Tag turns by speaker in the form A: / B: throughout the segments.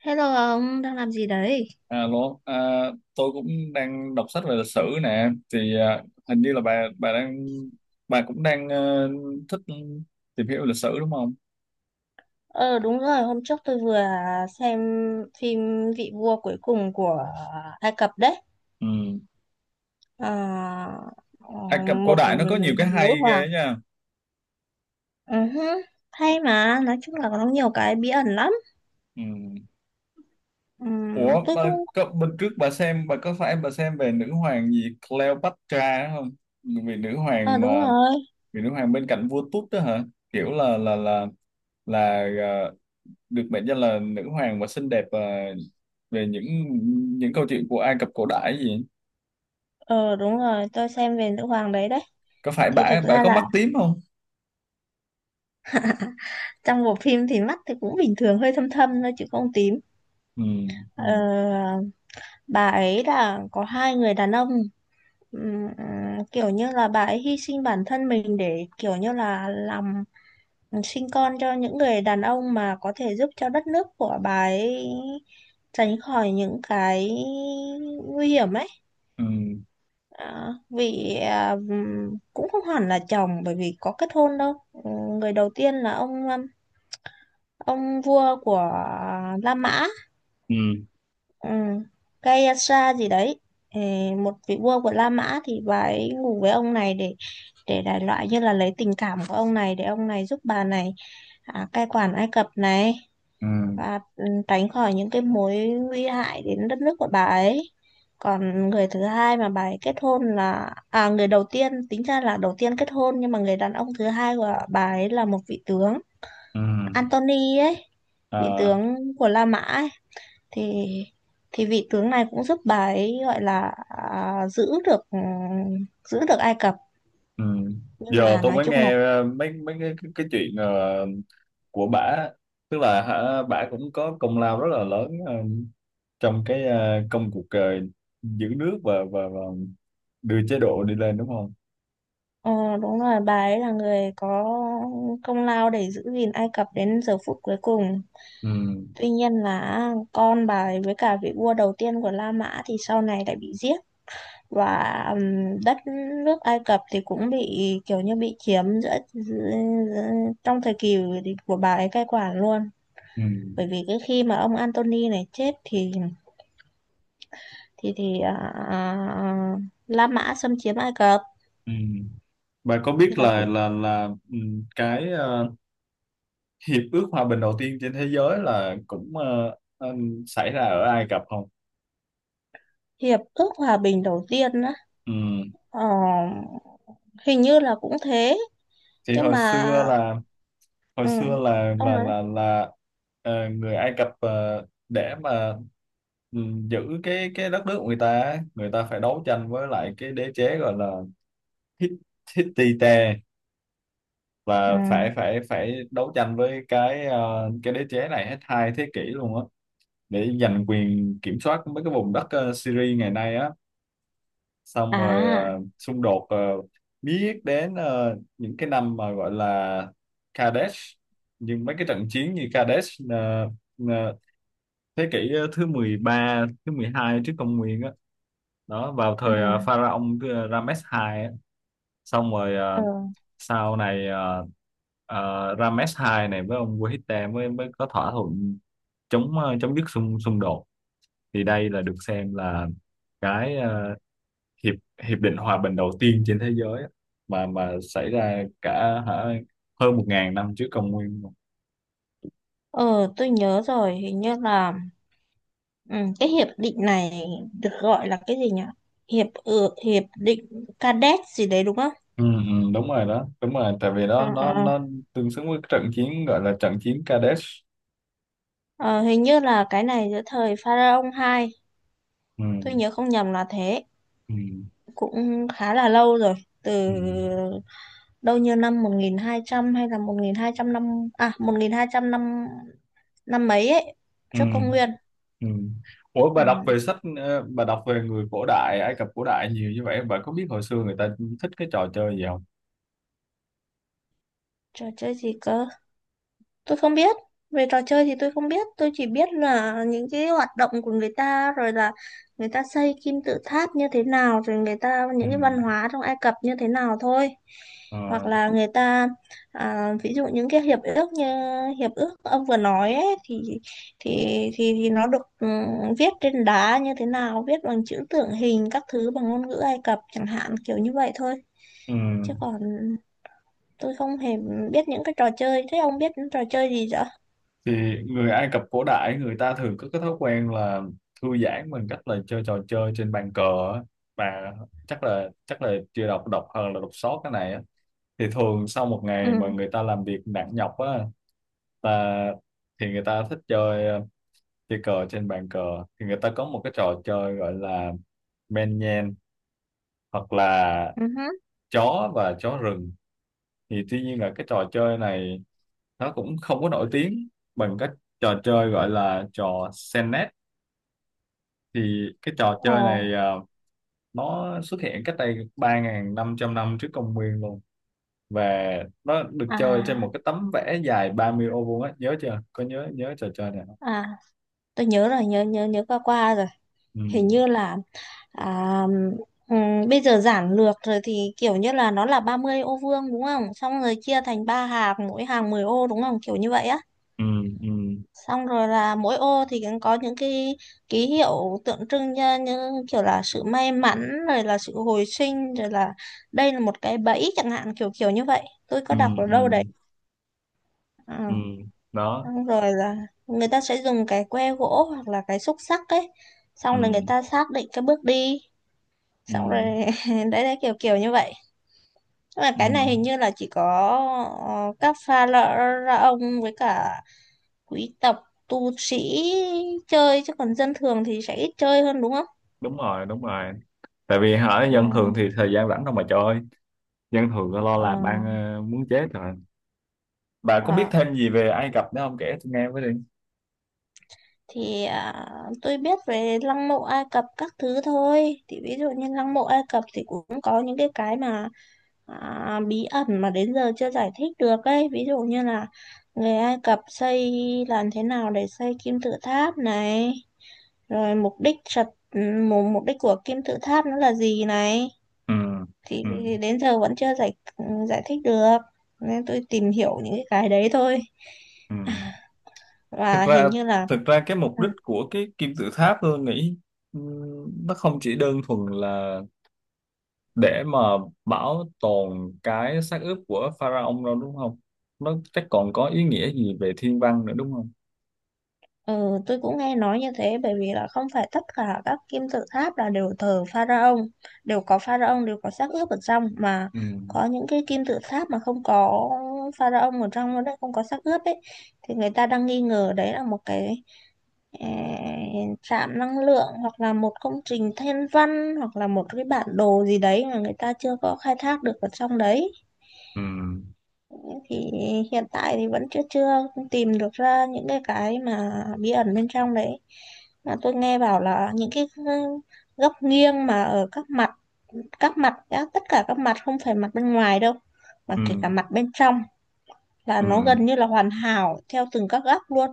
A: Hello ông, đang làm gì đấy?
B: Alo, à, tôi cũng đang đọc sách về lịch sử nè. Thì hình như là bà cũng đang thích tìm hiểu lịch sử đúng không?
A: Ờ đúng rồi, hôm trước tôi vừa xem phim Vị vua cuối cùng của Ai Cập đấy.
B: Ừ.
A: Ờ, ờ,
B: Ai Cập cổ
A: Một
B: đại nó có nhiều cái
A: nữ
B: hay
A: hoàng.
B: ghê nha.
A: Ừ hứ, hay mà, nói chung là có nhiều cái bí ẩn lắm.
B: Ừ.
A: Ừm,
B: Ủa,
A: tôi
B: bà,
A: cũng.
B: có, bên trước bà xem bà có phải bà xem về nữ hoàng gì Cleopatra không? Vì nữ
A: Ờ
B: hoàng
A: đúng
B: mà
A: rồi,
B: vì nữ hoàng bên cạnh vua Tút đó hả? Kiểu là là à, được mệnh danh là nữ hoàng và xinh đẹp và về những câu chuyện của Ai Cập cổ đại gì
A: ờ đúng rồi, tôi xem về nữ hoàng đấy đấy.
B: có phải
A: Thì
B: bả
A: thực
B: bả
A: ra
B: có
A: là
B: mắt tím không?
A: trong bộ phim thì mắt thì cũng bình thường, hơi thâm thâm thôi chứ không tím.
B: Ừ, ừ,
A: Ờ, bà ấy là có hai người đàn ông. Ừm, Kiểu như là bà ấy hy sinh bản thân mình để kiểu như là làm sinh con cho những người đàn ông mà có thể giúp cho đất nước của bà ấy tránh khỏi những cái nguy hiểm ấy.
B: ừ,
A: Vì cũng không hẳn là chồng bởi vì có kết hôn đâu. Người đầu tiên là ông vua của La Mã
B: ừ,
A: ừ. Gayatri gì đấy. Ờ, Một vị vua của La Mã thì bà ấy ngủ với ông này để đại loại như là lấy tình cảm của ông này để ông này giúp bà này, cai quản Ai Cập này,
B: ừ,
A: và tránh khỏi những cái mối nguy hại đến đất nước của bà ấy. Còn người thứ hai mà bà ấy kết hôn là người đầu tiên, tính ra là đầu tiên kết hôn, nhưng mà người đàn ông thứ hai của bà ấy là một vị tướng
B: ừ,
A: Antony ấy, vị
B: à,
A: tướng của La Mã ấy. Thì thì vị tướng này cũng giúp bà ấy gọi là giữ được Ai Cập.
B: ừ.
A: Nhưng
B: Giờ
A: mà
B: tôi
A: nói
B: mới
A: chung là
B: nghe mấy mấy cái chuyện của bả, tức là hả, bả cũng có công lao rất là lớn trong cái công cuộc giữ nước và đưa chế độ đi lên đúng không?
A: ờ, đúng rồi, bà ấy là người có công lao để giữ gìn Ai Cập đến giờ phút cuối cùng.
B: Ừ,
A: Tuy nhiên là con bà ấy với cả vị vua đầu tiên của La Mã thì sau này lại bị giết. Và đất nước Ai Cập thì cũng bị kiểu như bị chiếm giữa trong thời kỳ của bà ấy cai quản luôn.
B: ừ,
A: Bởi vì cái khi mà ông Antony này chết thì thì thì à, à, La Mã xâm chiếm Ai Cập,
B: ừ, ừ. Bạn có biết
A: thì là
B: là
A: cuộc
B: cái hiệp ước hòa bình đầu tiên trên thế giới là cũng xảy ra ở Ai Cập không?
A: hiệp ước hòa bình đầu tiên đó.
B: Ừm.
A: Ờ, Hình như là cũng thế,
B: Thì
A: nhưng mà
B: hồi
A: ừ,
B: xưa
A: ông nói
B: là người Ai Cập để mà giữ cái đất nước của người ta á, người ta phải đấu tranh với lại cái đế chế gọi là Hit- Hittite,
A: ừ.
B: và phải phải phải đấu tranh với cái cái đế chế này hết 2 thế kỷ luôn á, để giành quyền kiểm soát mấy cái vùng đất Syria ngày nay á, xong rồi
A: à
B: xung đột biết đến những cái năm mà gọi là Kadesh, nhưng mấy cái trận chiến như Kadesh ờ, thế kỷ thứ 13, thứ 12 trước công nguyên á, đó vào
A: ừ,
B: thời pharaoh Rames II á, xong rồi
A: ừ.
B: sau này Rames II này với ông Wahid mới mới có thỏa thuận chống chấm dứt xung xung đột. Thì đây là được xem là cái hiệp hiệp định hòa bình đầu tiên trên thế giới á, mà xảy ra cả hả, hơn 1.000 năm trước công nguyên luôn.
A: Ờ tôi nhớ rồi, hình như là ừ, cái hiệp định này được gọi là cái gì nhỉ, hiệp ước hiệp định Cadet gì đấy đúng không?
B: Ừ, ừ, đúng rồi đó, đúng rồi, tại vì đó
A: Ờ,
B: nó
A: ờ, ờ,
B: nó tương xứng với trận chiến gọi là trận chiến Kadesh.
A: ờ. Hình như là cái này giữa thời Pharaoh hai,
B: Ừ,
A: tôi nhớ không nhầm là thế,
B: ừ,
A: cũng khá là lâu rồi, từ
B: ừ,
A: đâu như năm 1200 hay là 1200 năm, à, 1200 năm năm mấy ấy
B: ừ,
A: trước công nguyên
B: ừ. Ủa,
A: ừ.
B: bà đọc về người cổ đại Ai Cập cổ đại nhiều như vậy, bà có biết hồi xưa người ta thích cái trò chơi gì không?
A: Trò chơi gì cơ? Tôi không biết. Về trò chơi thì tôi không biết. Tôi chỉ biết là những cái hoạt động của người ta, rồi là người ta xây kim tự tháp như thế nào, rồi người ta
B: Ừ,
A: những cái văn hóa trong Ai Cập như thế nào thôi. Hoặc
B: ờ,
A: là người ta, ví dụ những cái hiệp ước như hiệp ước ông vừa nói ấy, thì thì nó được viết trên đá như thế nào, viết bằng chữ tượng hình các thứ bằng ngôn ngữ Ai Cập chẳng hạn kiểu như vậy thôi.
B: ừ.
A: Chứ còn tôi không hề biết những cái trò chơi. Thế ông biết những trò chơi gì vậy?
B: Thì người Ai Cập cổ đại người ta thường có cái thói quen là thư giãn bằng cách là chơi trò chơi trên bàn cờ á. Và chắc là chưa đọc đọc hơn là đọc sót cái này á. Thì thường sau một ngày mà
A: Ừ,
B: người ta làm việc nặng nhọc á, là thì người ta thích chơi chơi cờ trên bàn cờ. Thì người ta có một cái trò chơi gọi là men nhen, hoặc là
A: ừ hứ.
B: chó và chó rừng. Thì tuy nhiên là cái trò chơi này nó cũng không có nổi tiếng bằng các trò chơi gọi là trò senet. Thì cái trò
A: Ờ,
B: chơi này nó xuất hiện cách đây 3.500 năm trước công nguyên luôn, và nó được chơi trên
A: à,
B: một cái tấm vẽ dài 30 ô vuông á. Nhớ chưa, có nhớ nhớ trò chơi này không?
A: à, tôi nhớ rồi, nhớ nhớ nhớ qua qua rồi.
B: Ừ,
A: Hình như là à, bây giờ giản lược rồi thì kiểu như là nó là 30 ô vuông đúng không? Xong rồi chia thành ba hàng, mỗi hàng 10 ô đúng không? Kiểu như vậy á.
B: ừ, ừ,
A: Xong rồi là mỗi ô thì cũng có những cái ký hiệu tượng trưng như, như kiểu là sự may mắn, rồi là sự hồi sinh, rồi là đây là một cái bẫy chẳng hạn, kiểu kiểu như vậy. Tôi có
B: ừ,
A: đọc ở
B: ừ,
A: đâu đấy.
B: ừ,
A: Ờ.
B: đó,
A: Xong rồi là người ta sẽ dùng cái que gỗ hoặc là cái xúc xắc ấy,
B: ừ,
A: xong rồi người ta xác định cái bước đi,
B: ừ,
A: xong rồi đấy đấy kiểu kiểu như vậy. Nhưng mà
B: ừ,
A: cái này hình như là chỉ có các pha lợ ra ông với cả quý tộc tu sĩ chơi, chứ còn dân thường thì sẽ ít chơi hơn đúng không?
B: đúng rồi, đúng rồi, tại vì hả,
A: Ừ,
B: dân thường thì thời gian rảnh đâu mà chơi, dân thường lo làm
A: ờ,
B: ăn muốn chết rồi. Bà có biết
A: ờ.
B: thêm gì về Ai Cập nữa không, kể tôi nghe với đi.
A: Thì tôi biết về lăng mộ Ai Cập các thứ thôi, thì ví dụ như lăng mộ Ai Cập thì cũng có những cái mà bí ẩn mà đến giờ chưa giải thích được ấy, ví dụ như là người Ai Cập xây làm thế nào để xây kim tự tháp này, rồi mục đích của kim tự tháp nó là gì này.
B: Ừ,
A: thì,
B: ừ,
A: thì đến giờ vẫn chưa giải giải thích được, nên tôi tìm hiểu những cái đấy thôi
B: ừ. thực
A: và
B: ra
A: hình như là
B: thực ra cái mục
A: ừ,
B: đích của cái kim tự tháp tôi nghĩ nó không chỉ đơn thuần là để mà bảo tồn cái xác ướp của pharaoh đâu đúng không? Nó chắc còn có ý nghĩa gì về thiên văn nữa đúng không?
A: Ừ, tôi cũng nghe nói như thế, bởi vì là không phải tất cả các kim tự tháp là đều thờ pharaoh, đều có pharaoh, đều có xác ướp ở trong mà.
B: Ừ,
A: Có những cái kim tự tháp mà không có pharaoh ở trong nó đấy, không có xác ướp ấy, thì người ta đang nghi ngờ đấy là một cái trạm năng lượng, hoặc là một công trình thiên văn, hoặc là một cái bản đồ gì đấy mà người ta chưa có khai thác được ở trong đấy.
B: ừ,
A: Thì hiện tại thì vẫn chưa chưa tìm được ra những cái mà bí ẩn bên trong đấy. Mà tôi nghe bảo là những cái góc nghiêng mà ở tất cả các mặt, không phải mặt bên ngoài đâu, mà
B: ừ,
A: kể cả mặt bên trong, là
B: ừ,
A: nó gần như là hoàn hảo theo từng các góc luôn.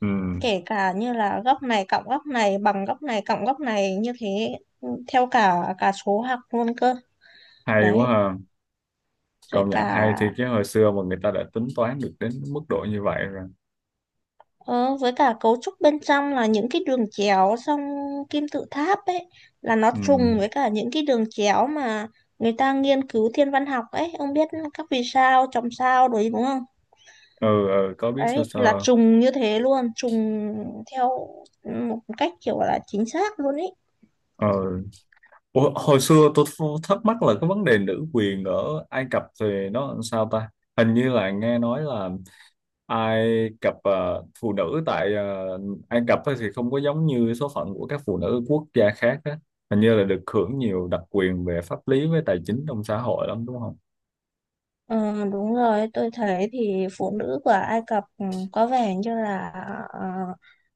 B: ừ.
A: Kể cả như là góc này cộng góc này bằng góc này cộng góc này như thế, theo cả cả số học luôn cơ.
B: Hay
A: Đấy.
B: quá ha.
A: rồi
B: Công nhận hay, thì
A: cả
B: cái hồi xưa mà người ta đã tính toán được đến mức độ như vậy rồi.
A: Ờ, với cả cấu trúc bên trong là những cái đường chéo trong kim tự tháp ấy, là nó
B: Ừ,
A: trùng với cả những cái đường chéo mà người ta nghiên cứu thiên văn học ấy, ông biết các vì sao chòm sao đấy đúng không?
B: ừ, ừ có biết
A: Đấy
B: sơ
A: là
B: sơ.
A: trùng như thế luôn, trùng theo một cách kiểu là chính xác luôn ấy.
B: Ừ. Ủa, hồi xưa tôi thắc mắc là cái vấn đề nữ quyền ở Ai Cập thì nó làm sao ta? Hình như là nghe nói là Ai Cập phụ nữ tại Ai Cập á thì không có giống như số phận của các phụ nữ quốc gia khác á. Hình như là được hưởng nhiều đặc quyền về pháp lý với tài chính trong xã hội lắm đúng không?
A: Ờ, đúng rồi, tôi thấy thì phụ nữ của Ai Cập, có vẻ như là ờ,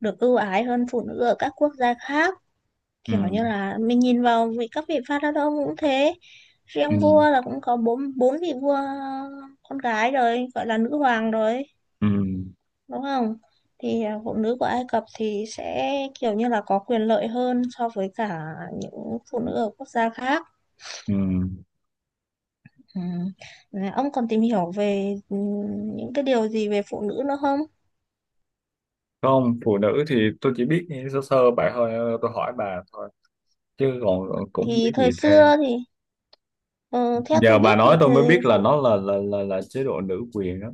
A: được ưu ái hơn phụ nữ ở các quốc gia khác,
B: Ừ,
A: kiểu như là mình nhìn vào vị các vị vua đó đâu cũng thế,
B: ừ,
A: riêng vua là cũng có bốn bốn vị vua con gái rồi gọi là nữ hoàng rồi
B: ừ,
A: đúng không? Thì phụ nữ của Ai Cập thì sẽ kiểu như là có quyền lợi hơn so với cả những phụ nữ ở quốc gia khác.
B: ừ.
A: Ừ. Này, ông còn tìm hiểu về những cái điều gì về phụ nữ nữa không?
B: Không, phụ nữ thì tôi chỉ biết sơ sơ bà thôi, tôi hỏi bà thôi, chứ còn cũng không
A: Thì
B: biết
A: thời
B: gì thêm.
A: xưa thì ờ, theo tôi
B: Giờ bà
A: biết thì
B: nói tôi mới
A: thời
B: biết là
A: phụ
B: nó là chế độ nữ quyền đó.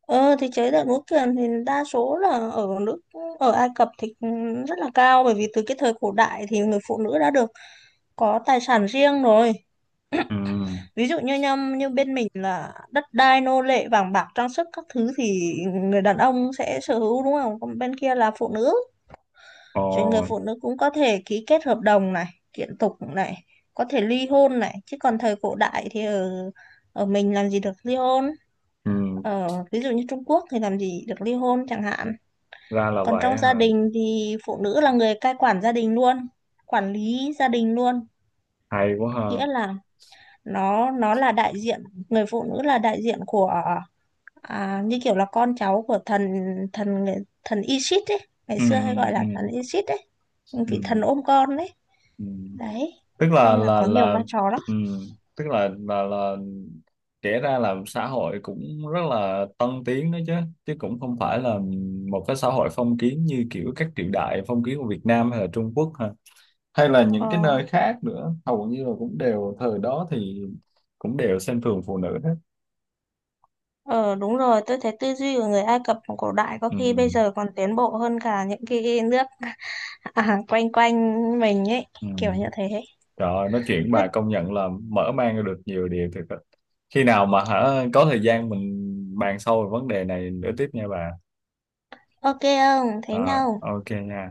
A: Ờ thì chế độ múa kiềm thì đa số là ở nước ở Ai Cập thì rất là cao, bởi vì từ cái thời cổ đại thì người phụ nữ đã được có tài sản riêng rồi.
B: Ừ,
A: Ví dụ như bên mình là đất đai nô lệ vàng bạc trang sức các thứ thì người đàn ông sẽ sở hữu đúng không? Còn bên kia là phụ nữ.
B: ờ,
A: Rồi người phụ nữ cũng có thể ký kết hợp đồng này, kiện tụng này, có thể ly hôn này, chứ còn thời cổ đại thì ở ở mình làm gì được ly hôn?
B: ừ,
A: Ở ví dụ như Trung Quốc thì làm gì được ly hôn chẳng hạn.
B: ra là
A: Còn
B: vậy
A: trong gia
B: hả,
A: đình thì phụ nữ là người cai quản gia đình luôn, quản lý gia đình luôn,
B: hay quá ha,
A: nghĩa là nó là đại diện, người phụ nữ là đại diện của như kiểu là con cháu của thần thần thần Isis ấy, ngày
B: ừ,
A: xưa hay gọi
B: ừ,
A: là thần
B: ừ,
A: Isis ấy,
B: ừ,
A: vị thần ôm con đấy.
B: ừ.
A: Đấy.
B: tức là
A: Nên là
B: là
A: có nhiều
B: là
A: vai trò lắm.
B: ừ, tức là kể ra là xã hội cũng rất là tân tiến đó chứ chứ cũng không phải là một cái xã hội phong kiến như kiểu các triều đại phong kiến của Việt Nam hay là Trung Quốc ha, hay là những cái
A: Ờ,
B: nơi khác nữa, hầu như là cũng đều thời đó thì cũng đều xem thường phụ nữ hết.
A: ờ đúng rồi, tôi thấy tư duy của người Ai Cập cổ đại có
B: Ừ,
A: khi bây giờ còn tiến bộ hơn cả những cái nước quanh quanh mình ấy,
B: ừ.
A: kiểu như thế.
B: Trời ơi, nói chuyện với
A: Thế
B: bà công nhận là mở mang ra được nhiều điều thiệt á. Khi nào mà hả có thời gian mình bàn sâu về vấn đề này nữa tiếp nha bà.
A: Ok không? Thế
B: À,
A: nhau.
B: ok nha.